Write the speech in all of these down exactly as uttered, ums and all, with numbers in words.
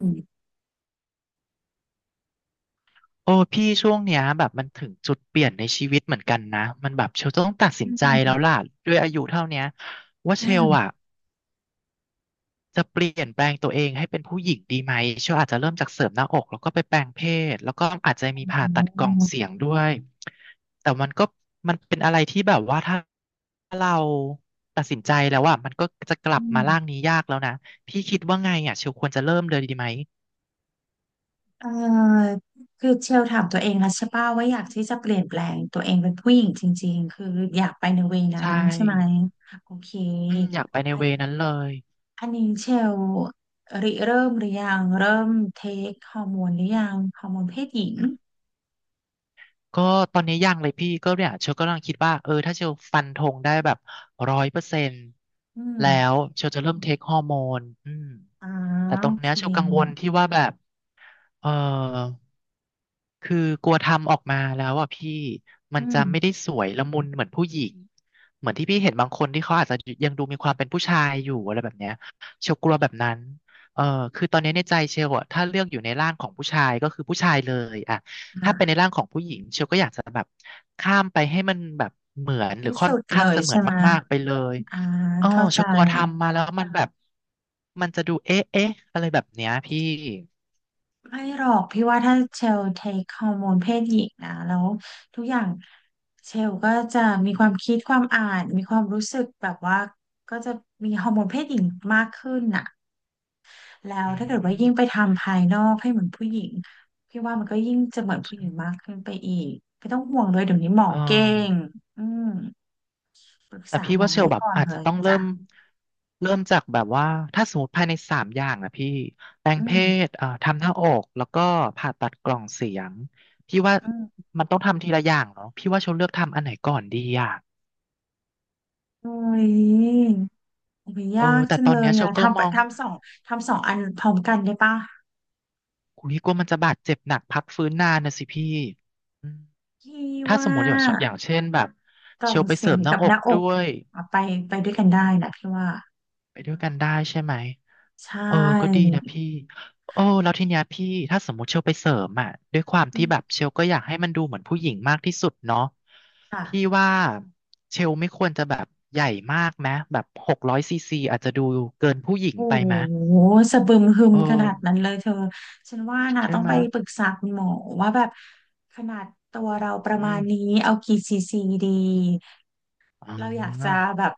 อืมโอ้พี่ช่วงเนี้ยแบบมันถึงจุดเปลี่ยนในชีวิตเหมือนกันนะมันแบบเชลต้องตัดสินใจแล้วล่ะด้วยอายุเท่าเนี้ยว่าเชลอ่าอ่ะจะเปลี่ยนแปลงตัวเองให้เป็นผู้หญิงดีไหมเชลอาจจะเริ่มจากเสริมหน้าอกแล้วก็ไปแปลงเพศแล้วก็อาจจะอ๋มีอผ่าตัดกล่องเสียงด้วยแต่มันก็มันเป็นอะไรที่แบบว่าถ้าเราตัดสินใจแล้วอ่ะมันก็จะกลัอืบมามร่างนี้ยากแล้วนะพี่คิดว่าไงอ่ะเชลควรจะเริ่มเลยดีไหมเอ่อคือเชลถามตัวเองแล้วใช่ป่ะว่าอยากที่จะเปลี่ยนแปลงตัวเองเป็นผู้หญิงจริงๆคืออยากไปในเวนั้นใช่ใช่ไหมโอเคอืมอยากไปในอัเวนนั้นเลย อันนี้เชลริเริ่มหรือยังเริ่มเทคฮอร์โมนหรือยังฮอร์โมนเพศหญิงก็ตอนนี้ยังเลยพี่ก็เนี่ยเชลก็กำลังคิดว่าเออถ้าเชลฟันธงได้แบบร้อยเปอร์เซ็นต์อืมแล้วเชลจะเริ่มเทคฮอร์โมนอืมอ่าแต่ตรโองเคเนี้ยเชลกังวลที่ว่าแบบเออ คือกลัวทำออกมาแล้วอ่ะพี่มัอืนจะมไม่ได้สวยละมุนเหมือนผู้หญิงเหมือนที่พี่เห็นบางคนที่เขาอาจจะยังดูมีความเป็นผู้ชายอยู่อะไรแบบเนี้ยเชลกลัวแบบนั้นเออคือตอนนี้ในใจเชลอะถ้าเลือกอยู่ในร่างของผู้ชายก็คือผู้ชายเลยอะถ้าค่ะเป็นในร่างของผู้หญิงเชลก็อยากจะแบบข้ามไปให้มันแบบเหมือนหรือที่ค่อนสุดเลข้างยจะเหมือใช่นไหมมากๆไปเลยอ่าอ๋อเข้าเชใจ ลกลัวทำมาแล้วมันแบบมันจะดูเอ๊ะเอ๊ะอะไรแบบเนี้ยพี่ไม่หรอกพี่ว่าถ้าเชลเทคฮอร์โมนเพศหญิงนะแล้วทุกอย่างเชลก็จะมีความคิดความอ่านมีความรู้สึกแบบว่าก็จะมีฮอร์โมนเพศหญิงมากขึ้นน่ะแล้วอืถ้าเกิดว่ายิ่งมไปทำภายนอกให้เหมือนผู้หญิงพี่ว่ามันก็ยิ่งจะเหมือนผู้หญิงมากขึ้นไปอีกไม่ต้องห่วงเลยเดี๋ยวนี้หมอเออ เก่งอืมปรึกแต่ษาพี่หมว่าอเชลได้แบบก่อนอาจเลจะยต้องเริ่จ้ะมเริ่มจากแบบว่าถ้าสมมติภายในสามอย่างนะพี่แปลงอืเพมศเอ่อทำหน้าอกแล้วก็ผ่าตัดกล่องเสียงพี่ว่าอืมมันต้องทำทีละอย่างเนาะพี่ว่าเชลเลือกทำอันไหนก่อนดีอ่ะโอ้ยโอ้ยเออยากแต่จังตอเลนเนี้ยยเชลอะก็ทำมไปองทำสองทำสองอันพร้อมกันได้ปะ คุยกลัวมันจะบาดเจ็บหนักพักฟื้นนานนะสิพี่อืมพี่ถ้าว่าสมมติอย่างเช่นอย่างเช่นแบบกล่อเชงลไปเสีเสริยงมหน้ากับอหกน้าอด้กวยเอาไปไปด้วยกันได้นะพี่ว่าไปด้วยกันได้ใช่ไหม ใช่เออก็ดีนะพี่โอ้แล้วทีเนี้ยพี่ถ้าสมมติเชลไปเสริมอ่ะด้วยความอืที่แบบมเชลก็อยากให้มันดูเหมือนผู้หญิงมากที่สุดเนาะค่ะพี่ว่าเชลไม่ควรจะแบบใหญ่มากไหมแบบหกร้อยซีซีอาจจะดูเกินผู้หญิงโอ้ไปโหไหมสะบึมหึมเออขนาดนั้นเลยเธอฉันว่านะใช่ต้องไหมไปปรึกษาคุณหมอว่าแบบขนาดตัวเราประอืมามณนี้เอากี่ซีซีดีอ๋เราอยากจะอแบบ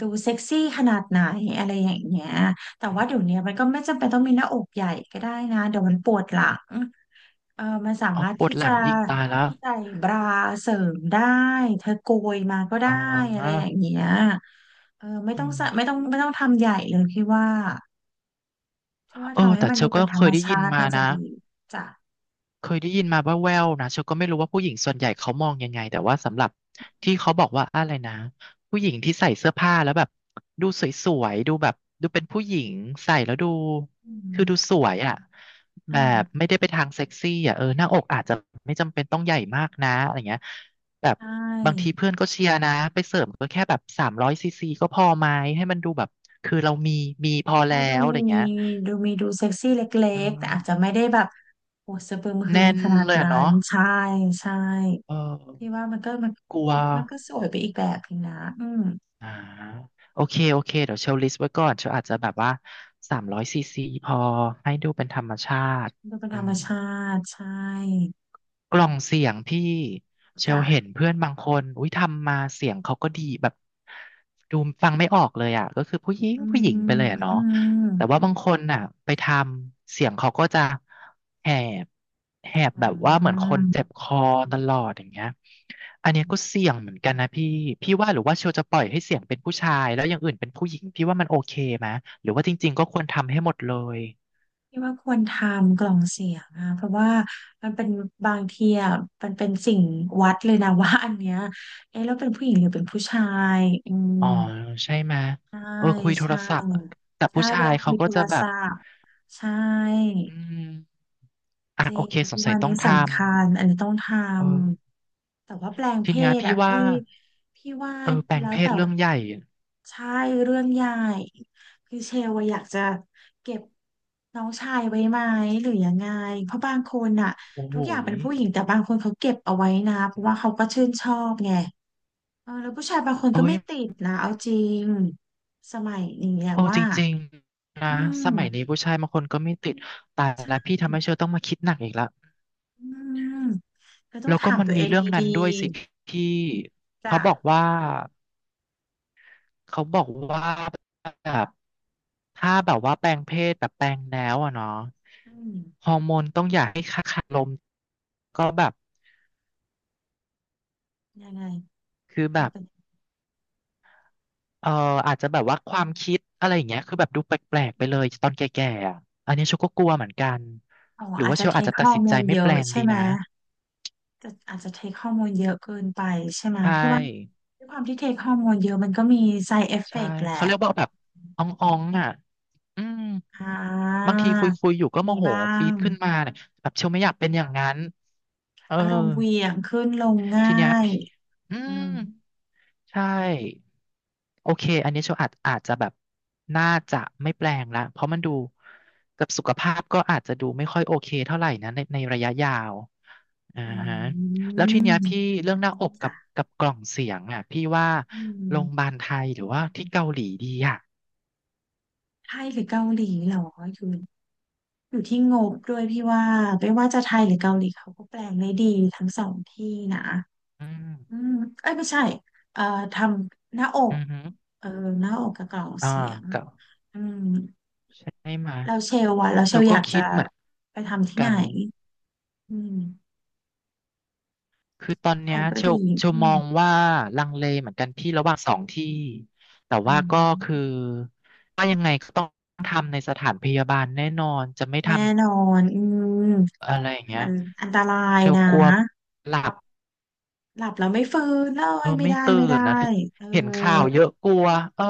ดูเซ็กซี่ขนาดไหนอะไรอย่างเงี้ยแต่ว่าเดี๋ยวนี้มันก็ไม่จำเป็นต้องมีหน้าอกใหญ่ก็ได้นะเดี๋ยวมันปวดหลัง เออมันสาอ๋อมารถปวดที่หลัจะงอีกตายแล้วใส่บราเสริมได้ เธอโกยมาก็ได้อ๋อะไรออย่างเงี้ยเออไม่อืต้องใส่ไม่มต้องไม่ต้องทำใหญ่เลยพี่ว่าพี่ว่าเออทำให้แต่มันเชดูลเป็ก็นธรเครมยได้ยิชานติมาน่าจะนะ ดีจ้ะเคยได้ยินมาว่าแววๆนะเชลก็ไม่รู้ว่าผู้หญิงส่วนใหญ่เขามองยังไงแต่ว่าสำหรับที่เขาบอกว่าอะไรนะผู้หญิงที่ใส่เสื้อผ้าแล้วแบบดูสวยๆดูแบบดูเป็นผู้หญิงใส่แล้วดูอืคือมดูสวยอ่ะอแบบ่าไม่ได้ไปทางเซ็กซี่อ่ะเออหน้าอกอาจจะไม่จำเป็นต้องใหญ่มากนะอะไรเงี้ยแบบใชบางที่เพื่อนก็เชียร์นะไปเสริมก็แค่แบบสามร้อยซีซีก็พอไหมให้มันดูแบบคือเรามีมีพอแล้ให้ดูวอะไรมีเงี้ยดูมีดูเซ็กซี่เล็อืกๆแต่อาจจะมไม่ได้แบบโอ้สะบึมหึมแน่นขนาดเลยอะนั้นเนาะใช่ใช่เออพี่ว่ามันก็มันกลัว มันก็สวยไปอีกแบบนึงนะอืมอ่าโอเคโอเคเดี๋ยวเชลลิสต์ไว้ก่อนเชลอาจจะแบบว่าสามร้อยซีซีพอให้ดูเป็นธรรมชาติดูเป็นอืธรรมม ชาติใช่ กล่องเสียงพี่เชลจ้ะเห็นเพื่อนบางคนอุ้ยทำมาเสียงเขาก็ดีแบบดูฟังไม่ออกเลยอ่ะก็คือผู้หญิงอืผู้หญิงไปมเลยอะอืเนาะมแต่ว่าบางคนน่ะไปทำเสียงเขาก็จะแหบแหบอืแบบว่าเหมือนคนเจ็มบคอตลอดอย่างเงี้ยอันเนี้ยก็เสี่ยงเหมือนกันนะพี่พี่ว่าหรือว่าเชลจะปล่อยให้เสียงเป็นผู้ชายแล้วอย่างอื่นเป็นผู้หญิงพี่ว่ามันโอเคไหมหรือว่าจริงๆก็ควรทำให้หมดเลย ที่ว่าควรทำกล่องเสียงอะเพราะว่ามันเป็นบางทีอะมันเป็นสิ่งวัดเลยนะว่าอันเนี้ยเอ๊ะแล้วเป็นผู้หญิงหรือเป็นผู้ชายอืมอ๋อใช่ไหมยใช่เออคุยโทรใช่ศัพท์แต่ใช่ผู้เวชายลาคุเขายก็โทรจะแบศับพท์ใช่อืมอ่ะจริโองเคสที่งสัวัยนต้อนี้งทสำคัญ อันนี้ต้องทำเออำ แต่ว่าแปลงทีเพเนี้ยศพี่อะว่าพี่พี่ว่าเออแปลงแล้วเพศแต่เรื่องใหญ่ใช่เรื่องใหญ่คือเชลว่าอยากจะเก็บน้องชายไว้ไหมหรือยังไงเพราะบางคนอะโอ้โหทุกอย่างเป็นนี่ผู้หญิงแต่บางคนเขาเก็บเอาไว้นะเพราะว่าเขาก็ชื่นชอบไงเออแล้วผู้ชายบางคนเอ้ก็ไม่ยติดนะเอาจริงสมัยนี้อะโอ้จว่าริงๆนะอืมสมัยนี้ผู้ชายบางคนก็ไม่ติดแต่ใชละ่พี่ทำให้เชอต้องมาคิดหนักอีกแล้วอืมก็ต้องแล้วก็ถามมันตัวเอมีงเรื่ดองนั้ีนด้วยสิพี่ๆเขาจ้ะบอกว่าเขาบอกว่า ถ้าแบบว่าแปลงเพศแบบแปลงแล้วอะเนาะอืมฮอร์โมนต้องอยากให้ค่าคารมก็แบบยังไงคือแบมันบเป็น เอออาจจะแบบว่าความคิดอะไรอย่างเงี้ยคือแบบดูแปลกๆไปเลยตอนแก่ๆอะอันนี้เชลก็กลัวเหมือนกันอ๋อหรืออาจว่าเชจะลเทอาจค จะ e ตัดอร์มสินมใจลไม่เยแปอะลงใช่ดีไหมนะจะอาจจะเทค e อร์มมลเยอะเกินไปใช่ไหมใช่พี่ว่าด้วยความที่เทค e อร์มมลเยอะมันก็มี side ใช่ effect แหเขาละเรียกว่าแบบอ่องอ่องอ่ะอืมอ่บาางทีคุยคุยอยู่ก็โมมีโหบ้าปี๊งดขึ้นมาเนี่ยแบบเชลไม่อยากเป็นอย่างนั้นเอออารมณ์เหวี่ยงขึ้นลงทีเนี้ยง่ายพี่อือืมมใช่ โอเค อันนี้โชว์อาจอาจจะแบบน่าจะไม่แปลงละเพราะมันดูกับสุขภาพก็อาจจะดูไม่ค่อยโอเคเท่าไหร่นะในในระยะยาวอ่าอืฮะแล้วทีมเนี้ยพี่เรื่องหน้าอกกับจ้ะกับกล่องเสียงอ่ะพี่ว่าอืโรงพยาบามลไทยหรือว่าที่เกาหลีดีอ่ะ ไทยหรือเกาหลีเหรออยู่อยู่ที่งบด้วยพี่ว่าไม่ว่าจะไทยหรือเกาหลีเขาก็แปลงได้ดีทั้งสองที่นะ อืมอืมเอ้ยไม่ใช่เอ่อทำหน้าออืกอฮึเออหน้าอกกับกล่องอ่าเสียงก็อืมให้มาแล้วเชลว่ะแล้วโชเชลว์อก็ยากจะคิดเหมือนไปทำที่กัไหนน อืมคือตอนไทเนี้ยยก็เชลดีเชลอืมมองว่าลังเลเหมือนกันพี่ระหว่างสองที่แต่อืว่าก็คือมว่ายังไงก็ต้องทำในสถานพยาบาลแน่นอนจะไม่ทแน่นอนอืมำอะไรอย่างเงี้มัยนอันตรายเชลนะกลัวหลับหลับแล้วไม่ฟื้นเลเอยอไม่ไม่ได้ตื่ไม่ได้นนะเออเห็นข่าวเยอะกลัวเออ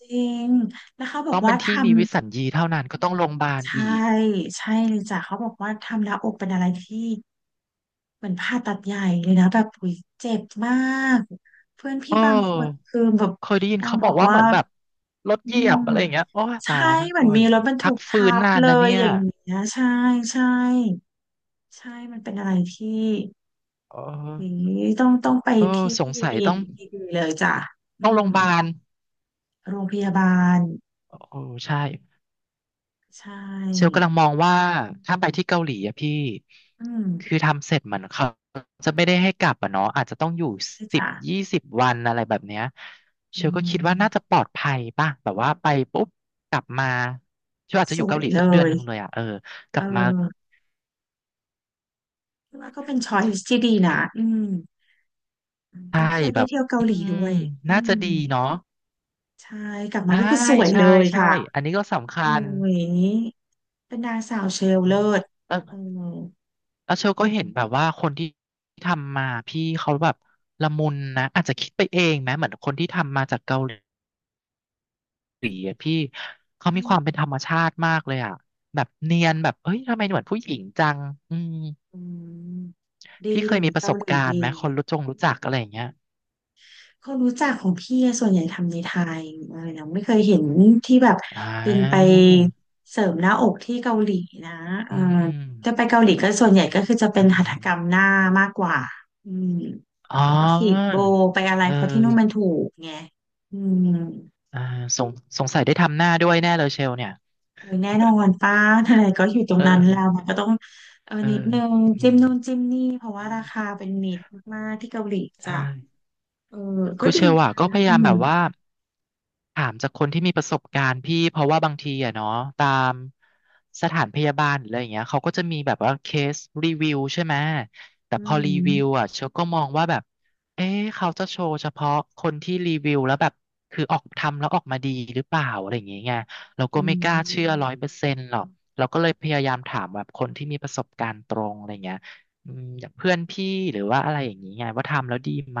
จริงแล้วเขาบอต้กองเป็ว่านที่ทำมีวิสัญญีเท่านั้นก็ต้องโรงพยาบาลใช่อีกใช่เลยจ้ะเขาบอกว่าทำหน้าอกเป็นอะไรที่ เหมือนผ่าตัดใหญ่เลยนะแบบอุ๊ยเจ็บมากเพื่อนพี่เอบางคนอคือแบบเคยได้ยินนางเขาบบออกกว่าว่าเหมือนแบบรถอืเหยียมบอะไรอย่างเงี้ยโอ้ใช่ตายแล้วน่าเหมืกอลันวมีอรยู่ถบรรทุพักกฟื้ทันบนานเลนะยเนี่อยย่างเงี้ยใช่ใช่ใช่มันเป็นอะไรที่เออุ๊อยต้องต้องไปเออที่สที่งสัยดีต้อง ๆดีๆเลยจ้ะอืเข้าโรมงพยาบาลโรงพยาบาลโอ้ใช่ใช่เชลกำลังมองว่าถ้าไปที่เกาหลีอะพี่ อืมคือทำเสร็จเหมือนเขาจะไม่ได้ให้กลับอะเนาะอาจจะต้องอยู่ใช่สิบจ้ะยี่สิบวันอะไรแบบเนี้ยอืเชลก็คิดว่าน่าจะมปลอดภัยป่ะแบบว่าไปปุ๊บกลับมาเชลอาจจะสอยู่วเกายหลีเลสักเดือนหยนึ่งเลยอะเออกเอลับมาอคิดว่าก็เป็นช้อยส์ที่ดีนะอืม อืมก็ใช่เที่ยวแบได้บเที่ยวเกาอืหลีด้มวยอืน่าจะมดีเนาะใช่กลับมาใช่ก็คือสวยเลใช่ยใช่ค่ะอันนี้ก็สำคัโอ้ญยเป็นนางสาวเชลเลิศเอเอออ แล้วเชลก็เห็นแบบว่าคนที่ทำมาพี่เขาแบบละมุนนะอาจจะคิดไปเองนะเหมือนคนที่ทำมาจากเกาหลีอะพี่เขาอืมีคมวามเป็นธรรมชาติมากเลยอ่ะแบบเนียนแบบเอ้ยทำไมเหมือนผู้หญิงจังอืมอืมดีพี่เคเดี๋ยยวมีนี้ประเกาสบหลีการณ์ดีไหมคนรู้จงรู้จักอะไรอย่างเงี้ยคนรู้จักของพี่อะส่วนใหญ่ทำในไทยอะไรนะไม่เคยเห็นที่แบบอ่เป็นไปาเสริมหน้าอกที่เกาหลีนะเออือมอืมจะไปเกาหลีก็ส่วนใหญ่ก็คือจะเป็เออนหัตถกรรมหน้ามากกว่าอืม อ๋ไปฉีดโบอไปอะไรเอเพราะที่นู่นมันอถูกไงอืมอ่าสงสงสัยได้ทำหน้าด้วยแน่เลยเชลเนี่ยโอ้ยแน่นอนป้าทนายก็อยู่ตรงเอนั้นแล้วอมันก็ต้องเอออืจิ้มมนู่นจิ้มนี่เพราะว่าราคาอ่าเป็นมิตรมากๆที่เกาหลีใช่ จ้ะเออก็คือดีเชลนอะก็อืพะมยาอืยามมมแบบว่าถามจากคนที่มีประสบการณ์พี่เพราะว่าบางทีอะเนาะตามสถานพยาบาลหรืออะไรอย่างเงี้ยเขาก็จะมีแบบว่าเคสรีวิวใช่ไหมแต่อืพอรีวิวมอะเชลก็มองว่าแบบเอ๊ะเขาจะโชว์เฉพาะคนที่รีวิวแล้วแบบคือออกทำแล้วออกมาดีหรือเปล่าอะไรอย่างเงี้ยไงเราก็อืไม่กล้าเชื่อมร้อยเปอร์เซ็นต์หรอกเราก็เลยพยายามถามแบบคนที่มีประสบการณ์ตรงอะไรอย่างเงี้ยอืมอย่างเพื่อนพี่หรือว่าอะไรอย่างนี้ไงว่าทำแล้วดีไหม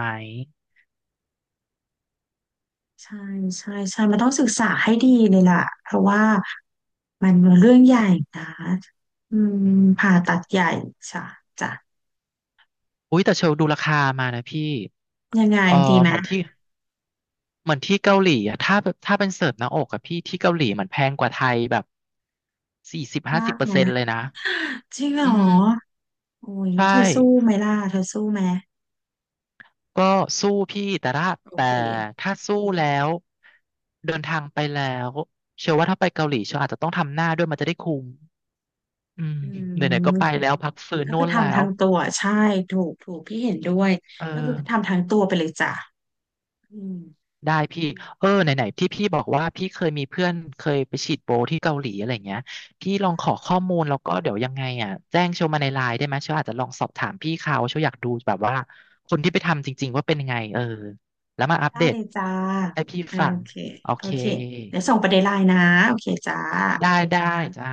ใช่ใช่ใช่มันต้องศึกษาให้ดีเลยล่ะเพราะว่ามันเรื่องใหญ่นะอืมอืม ผ่าตัดใหญ่จ้ะจ้ะอุ้ยแต่เชลดูราคามานะพี่ยังไงเออดีไหมเหมือนที่เหมือนที่เกาหลีอะถ้าถ้าเป็นเสิร์ฟหน้าอกอะพี่ที่เกาหลีมันแพงกว่าไทยแบบสี่สิบห้ามาสิบกเปอร์เซ็นต์เลนะยนะจริงเหรอือมโอ้ยใช่เธอสู้ไหมล่ะเธอสู้ไหม ก็สู้พี่แต่ถ้าโอแต่เค ถ้าสู้แล้วเดินทางไปแล้วเชื่อว่าถ้าไปเกาหลีเชื่ออาจจะต้องทำหน้าด้วยมันจะได้คุ้มอืมอืไหม นๆก็กไปแล้วพักฟื้น็โน่คือนแล้ทำทาวงตัวใช่ถูกถูกพี่เห็นด้วย เออ ก็คือทำทางตัวไปเลยจ้ะอืมได้พี่เออไหนๆที่พี่บอกว่าพี่เคยมีเพื่อนเคยไปฉีดโบที่เกาหลีอะไรเงี้ยพี่ลองขอข้อมูลแล้วก็เดี๋ยวยังไงอ่ะแจ้งโชว์มาในไลน์ได้ไหมโชว์อาจจะลองสอบถามพี่เขาโชว์อยากดูแบบว่าคนที่ไปทำจริงๆว่าเป็นยังไงเออแล้วมาอัปได้เดเลตยจ้า ให้พี่โอฟังเค โอโอเคเคเดี๋ยวส่งประเด็นไลน์นะโอเคจ้าได้ได้จ้า